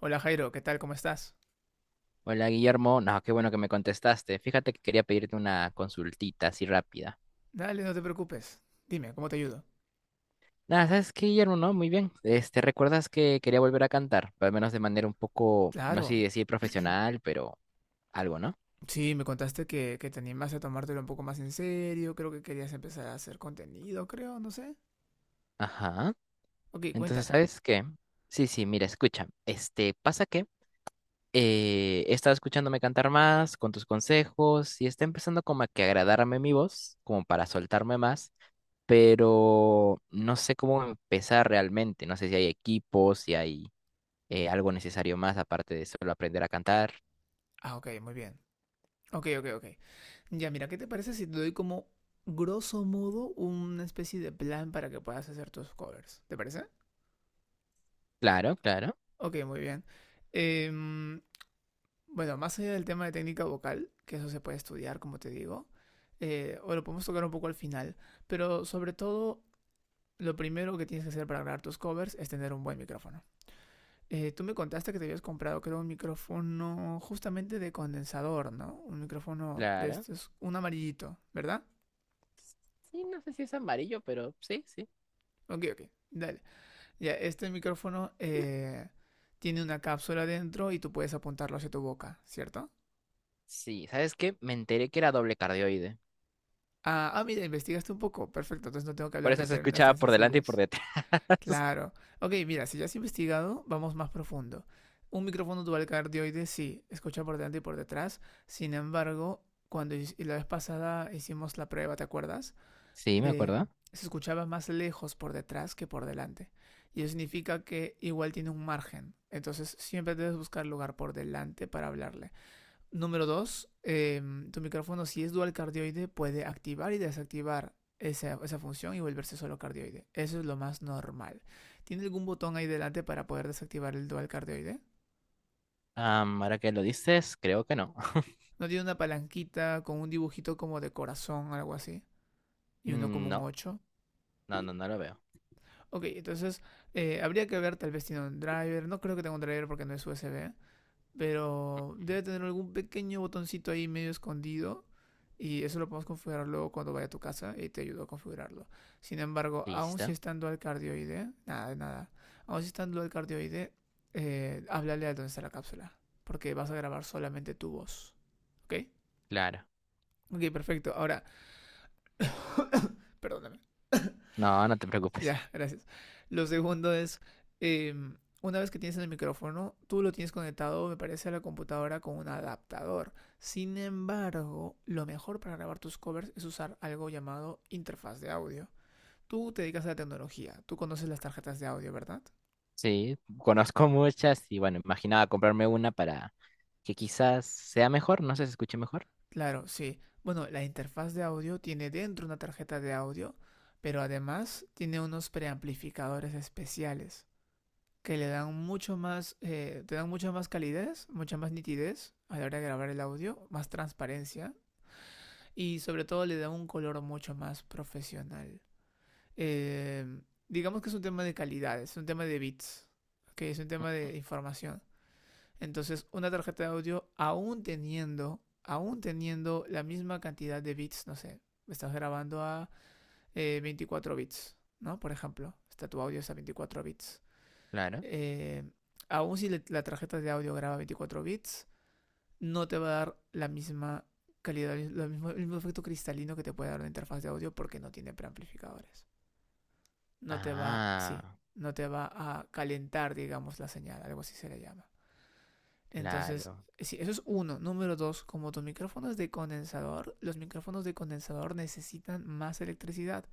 Hola Jairo, ¿qué tal? ¿Cómo estás? Hola Guillermo, no, qué bueno que me contestaste. Fíjate que quería pedirte una consultita así rápida. Dale, no te preocupes. Dime, ¿cómo te ayudo? Nada, ¿sabes qué, Guillermo? No, muy bien. Este, ¿recuerdas que quería volver a cantar? Pero al menos de manera un poco, no sé si Claro. decir profesional, pero algo, ¿no? Sí, me contaste que te animaste a tomártelo un poco más en serio, creo que querías empezar a hacer contenido, creo, no sé. Ajá. Ok, Entonces, cuéntame. ¿sabes qué? Sí, sí, mira, escucha. Este, pasa que he estado escuchándome cantar más con tus consejos y está empezando como a que agradarme mi voz, como para soltarme más, pero no sé cómo empezar realmente. No sé si hay equipos, si hay algo necesario más aparte de solo aprender a cantar. Ah, ok, muy bien. Ok, ok, ok. Ya, mira, ¿qué te parece si te doy como, grosso modo, una especie de plan para que puedas hacer tus covers? ¿Te parece? Claro, claro, Ok, muy bien. Em, Bueno, más allá del tema de técnica vocal, que eso se puede estudiar, como te digo, o lo podemos tocar un poco al final, pero sobre todo, lo primero que tienes que hacer para grabar tus covers es tener un buen micrófono. Tú me contaste que te habías comprado, creo, un micrófono justamente de condensador, ¿no? Un micrófono de claro. estos, un amarillito, ¿verdad? Sí, no sé si es amarillo, pero sí, sí. Ok, ok, dale. Ya, este micrófono tiene una cápsula dentro y tú puedes apuntarlo hacia tu boca, ¿cierto? Sí, ¿sabes qué? Me enteré que era doble cardioide. Ah, ah, mira, investigaste un poco. Perfecto, entonces no tengo que Por hablarte eso en se términos escuchaba tan por delante y por sencillos. detrás. Claro. Ok, mira, si ya has investigado, vamos más profundo. Un micrófono dual cardioide sí, escucha por delante y por detrás. Sin embargo, cuando la vez pasada hicimos la prueba, ¿te acuerdas? Sí, me Eh, acuerdo. Se escuchaba más lejos por detrás que por delante. Y eso significa que igual tiene un margen. Entonces siempre debes buscar lugar por delante para hablarle. Número 2, tu micrófono si es dual cardioide puede activar y desactivar esa función y volverse solo cardioide. Eso es lo más normal. ¿Tiene algún botón ahí delante para poder desactivar el dual cardioide? Ahora que lo dices, creo que no. ¿No tiene una palanquita con un dibujito como de corazón, algo así? ¿Y uno Mm, como un no, 8? no, no, no lo veo. Ok, entonces habría que ver, tal vez tiene un driver. No creo que tenga un driver porque no es USB. Pero Ujú. debe tener algún pequeño botoncito ahí medio escondido. Y eso lo podemos configurar luego cuando vaya a tu casa y te ayudo a configurarlo. Sin embargo, aún si Listo, está en dual cardioide, nada, nada. Aún si está en dual cardioide, háblale a donde está la cápsula. Porque vas a grabar solamente tu voz. ¿Ok? claro. Ok, perfecto. Ahora, perdóname. No, no te preocupes. Ya, gracias. Lo segundo es, eh, una vez que tienes el micrófono, tú lo tienes conectado, me parece, a la computadora con un adaptador. Sin embargo, lo mejor para grabar tus covers es usar algo llamado interfaz de audio. Tú te dedicas a la tecnología, tú conoces las tarjetas de audio, ¿verdad? Sí, conozco muchas y bueno, imaginaba comprarme una para que quizás sea mejor, no sé, si se escuche mejor. Claro, sí. Bueno, la interfaz de audio tiene dentro una tarjeta de audio, pero además tiene unos preamplificadores especiales que le dan mucho más, te dan mucha más calidez, mucha más nitidez a la hora de grabar el audio, más transparencia y sobre todo le da un color mucho más profesional. Eh, digamos que es un tema de calidad, es un tema de bits, que es un tema de información. Entonces, una tarjeta de audio, aún teniendo la misma cantidad de bits, no sé, estás grabando a 24 bits, ¿no? Por ejemplo, está tu audio es a 24 bits. Claro. Eh, Aún si la tarjeta de audio graba 24 bits, no te va a dar la misma calidad, lo mismo, el mismo efecto cristalino que te puede dar una interfaz de audio porque no tiene preamplificadores. No te va, sí, Ah, no te va a calentar, digamos, la señal, algo así se le llama. Entonces, claro. sí, eso es uno. Número 2, como tu micrófono es de condensador, los micrófonos de condensador necesitan más electricidad.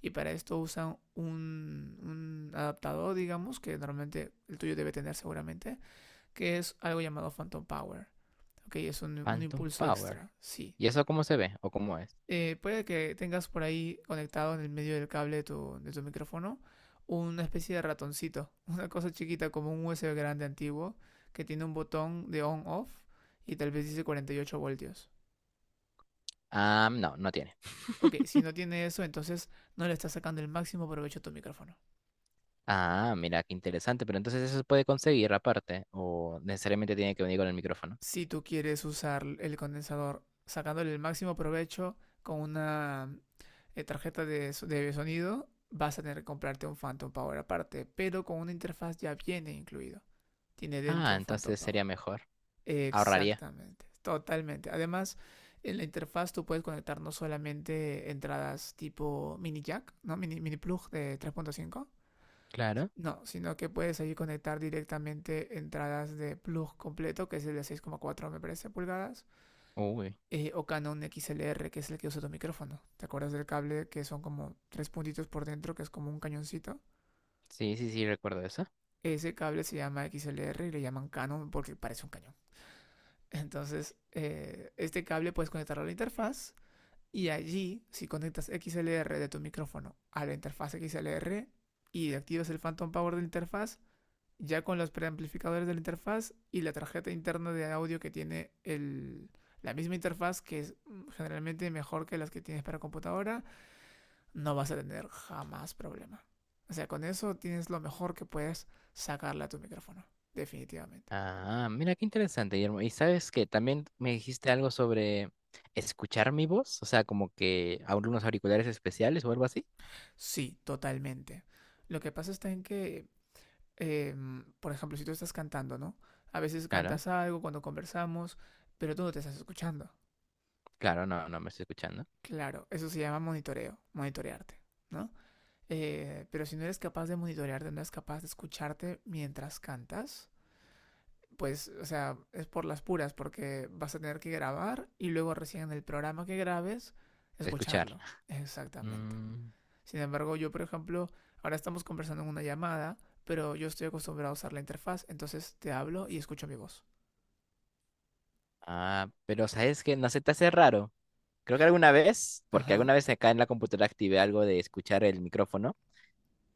Y para esto usan un adaptador, digamos, que normalmente el tuyo debe tener seguramente, que es algo llamado Phantom Power. Ok, es un Phantom impulso Power. extra, sí. ¿Y eso cómo se ve o cómo es? Puede que tengas por ahí conectado en el medio del cable de tu, micrófono una especie de ratoncito, una cosa chiquita como un USB grande antiguo que tiene un botón de on-off y tal vez dice 48 voltios. Ah, no, no tiene. Ok, si no tiene eso, entonces no le estás sacando el máximo provecho a tu micrófono. Ah, mira, qué interesante. Pero entonces eso se puede conseguir aparte o necesariamente tiene que venir con el micrófono. Si tú quieres usar el condensador sacándole el máximo provecho con una tarjeta de sonido, vas a tener que comprarte un Phantom Power aparte, pero con una interfaz ya viene incluido. Tiene Ah, dentro Phantom entonces Power. sería mejor. Ahorraría. Exactamente, totalmente. Además, en la interfaz tú puedes conectar no solamente entradas tipo mini jack, ¿no? Mini plug de 3.5. Claro. No, sino que puedes ahí conectar directamente entradas de plug completo, que es el de 6,4 me parece pulgadas, Uy. O Canon XLR, que es el que usa tu micrófono. ¿Te acuerdas del cable que son como tres puntitos por dentro, que es como un cañoncito? Sí, sí, sí, recuerdo eso. Ese cable se llama XLR y le llaman Canon porque parece un cañón. Entonces, este cable puedes conectarlo a la interfaz y allí, si conectas XLR de tu micrófono a la interfaz XLR y activas el Phantom Power de la interfaz, ya con los preamplificadores de la interfaz y la tarjeta interna de audio que tiene el, la misma interfaz, que es generalmente mejor que las que tienes para computadora, no vas a tener jamás problema. O sea, con eso tienes lo mejor que puedes sacarle a tu micrófono, definitivamente. Ah, mira, qué interesante, Guillermo. Y sabes que también me dijiste algo sobre escuchar mi voz, o sea, como que a unos auriculares especiales o algo así. Sí, totalmente. Lo que pasa está en que eh, por ejemplo, si tú estás cantando, ¿no? A veces Claro, cantas algo cuando conversamos, pero tú no te estás escuchando. claro, no, no me estoy escuchando. Claro, eso se llama monitoreo, monitorearte, ¿no? Pero si no eres capaz de monitorearte, no eres capaz de escucharte mientras cantas, pues, o sea, es por las puras, porque vas a tener que grabar y luego recién en el programa que grabes, Escuchar. escucharlo. Exactamente. Mm. Sin embargo, yo, por ejemplo, ahora estamos conversando en una llamada, pero yo estoy acostumbrado a usar la interfaz, entonces te hablo y escucho mi voz. Ah, pero ¿sabes que no se te hace raro? Creo que alguna vez, porque Ajá, alguna vez acá en la computadora activé algo de escuchar el micrófono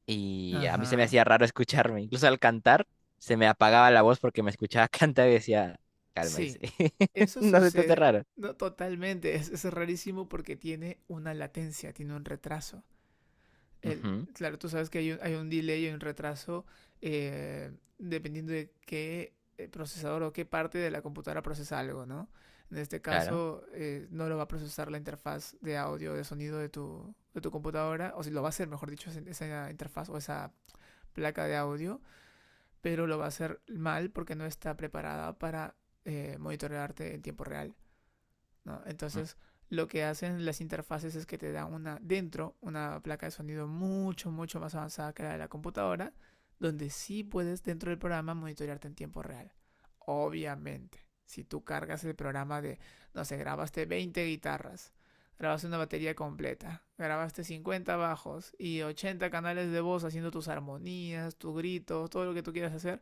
y a mí se me ajá. hacía raro escucharme. Incluso al cantar se me apagaba la voz porque me escuchaba cantar y decía, cálmese. Sí, eso No se te hace sucede raro. no, totalmente. Es rarísimo porque tiene una latencia, tiene un retraso. El, Ujú, claro, tú sabes que hay un delay, hay un, retraso, eh, dependiendo de qué procesador o qué parte de la computadora procesa algo, ¿no? En este claro, caso, no lo va a procesar la interfaz de audio, de sonido de tu, computadora, o si lo va a hacer, mejor dicho, esa interfaz o esa placa de audio, pero lo va a hacer mal porque no está preparada para monitorearte en tiempo real. ¿No? mm, Entonces, lo que hacen las interfaces es que te dan una dentro, una placa de sonido mucho, mucho más avanzada que la de la computadora, donde sí puedes dentro del programa monitorearte en tiempo real. Obviamente, si tú cargas el programa de, no sé, grabaste 20 guitarras, grabaste una batería completa, grabaste 50 bajos y 80 canales de voz haciendo tus armonías, tus gritos, todo lo que tú quieras hacer,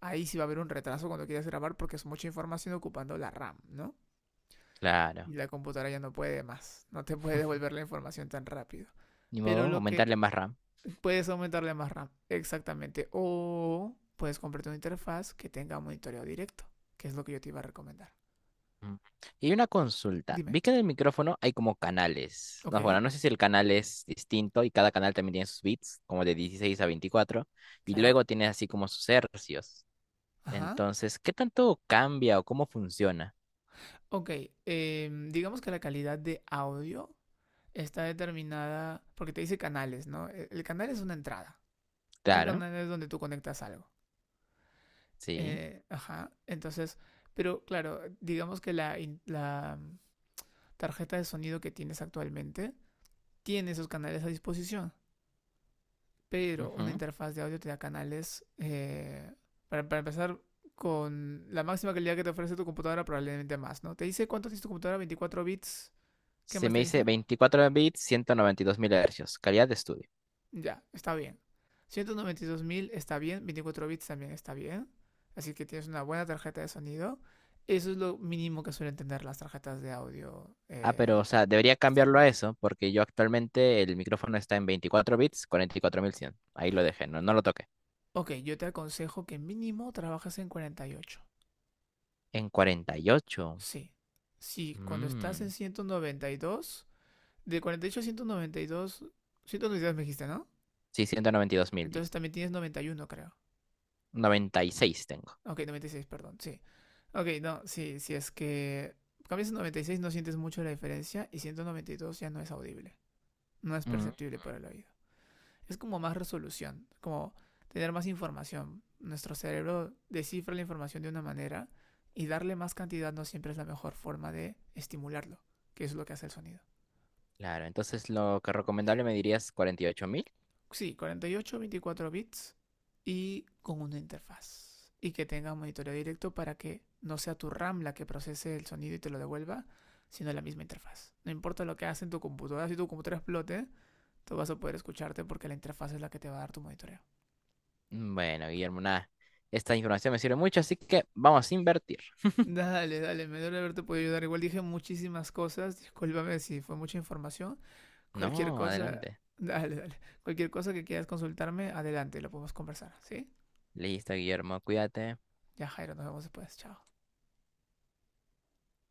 ahí sí va a haber un retraso cuando quieras grabar porque es mucha información ocupando la RAM, ¿no? claro. Y la computadora ya no puede más, no te puede devolver la información tan rápido. Ni modo, Pero lo que aumentarle más RAM. puedes aumentarle más RAM, exactamente. O puedes comprarte una interfaz que tenga monitoreo directo, que es lo que yo te iba a recomendar. Mm. Y una consulta. Dime, Vi que en el micrófono hay como canales. ok, No, bueno, no sé si el canal es distinto y cada canal también tiene sus bits, como de 16 a 24 y claro, luego tiene así como sus hercios. ajá. Entonces, ¿qué tanto cambia o cómo funciona? Ok, digamos que la calidad de audio está determinada porque te dice canales, ¿no? El canal es una entrada. Un Claro, canal es donde tú conectas algo. sí. Ajá, entonces, pero claro, digamos que la tarjeta de sonido que tienes actualmente tiene esos canales a disposición, pero una Ujú. interfaz de audio te da canales, para empezar, con la máxima calidad que te ofrece tu computadora, probablemente más, ¿no? Te dice cuánto tiene tu computadora, 24 bits, ¿qué Se más me te dice dice? 24 bits, 192000 Hz, calidad de estudio. Ya, está bien. 192.000 está bien, 24 bits también está bien. Así que tienes una buena tarjeta de sonido. Eso es lo mínimo que suelen tener las tarjetas de audio Ah, pero, o sea, debería cambiarlo a externas. eso, porque yo actualmente el micrófono está en 24 bits, 44100. Ahí lo dejé, no, no lo toqué. Ok, yo te aconsejo que mínimo trabajes en 48. En 48. Sí. Sí, cuando estás en 192, de 48 a 192, 192 me dijiste, ¿no? Sí, 192000, Entonces dice. también tienes 91, creo. 96 tengo. Ok, 96, perdón, sí. Ok, no, sí, si es que cambias a 96, no sientes mucho la diferencia y 192 ya no es audible, no es Mm, perceptible para el oído. Es como más resolución, como tener más información. Nuestro cerebro descifra la información de una manera y darle más cantidad no siempre es la mejor forma de estimularlo, que es lo que hace el sonido. claro, entonces lo que recomendable me dirías 48000. Sí, 48, 24 bits y con una interfaz. Y que tenga un monitoreo directo para que no sea tu RAM la que procese el sonido y te lo devuelva, sino la misma interfaz. No importa lo que hagas en tu computadora, si tu computadora explote, tú vas a poder escucharte porque la interfaz es la que te va a dar tu monitoreo. Mm, bueno, Guillermo, nada. Esta información me sirve mucho, así que vamos a invertir. Dale, dale, me duele haberte podido ayudar. Igual dije muchísimas cosas, discúlpame si fue mucha información. Cualquier No, cosa, adelante. dale, dale. Cualquier cosa que quieras consultarme, adelante, lo podemos conversar, ¿sí? Listo, Guillermo, cuídate. Ya, Jairo, nos vemos después. Chao.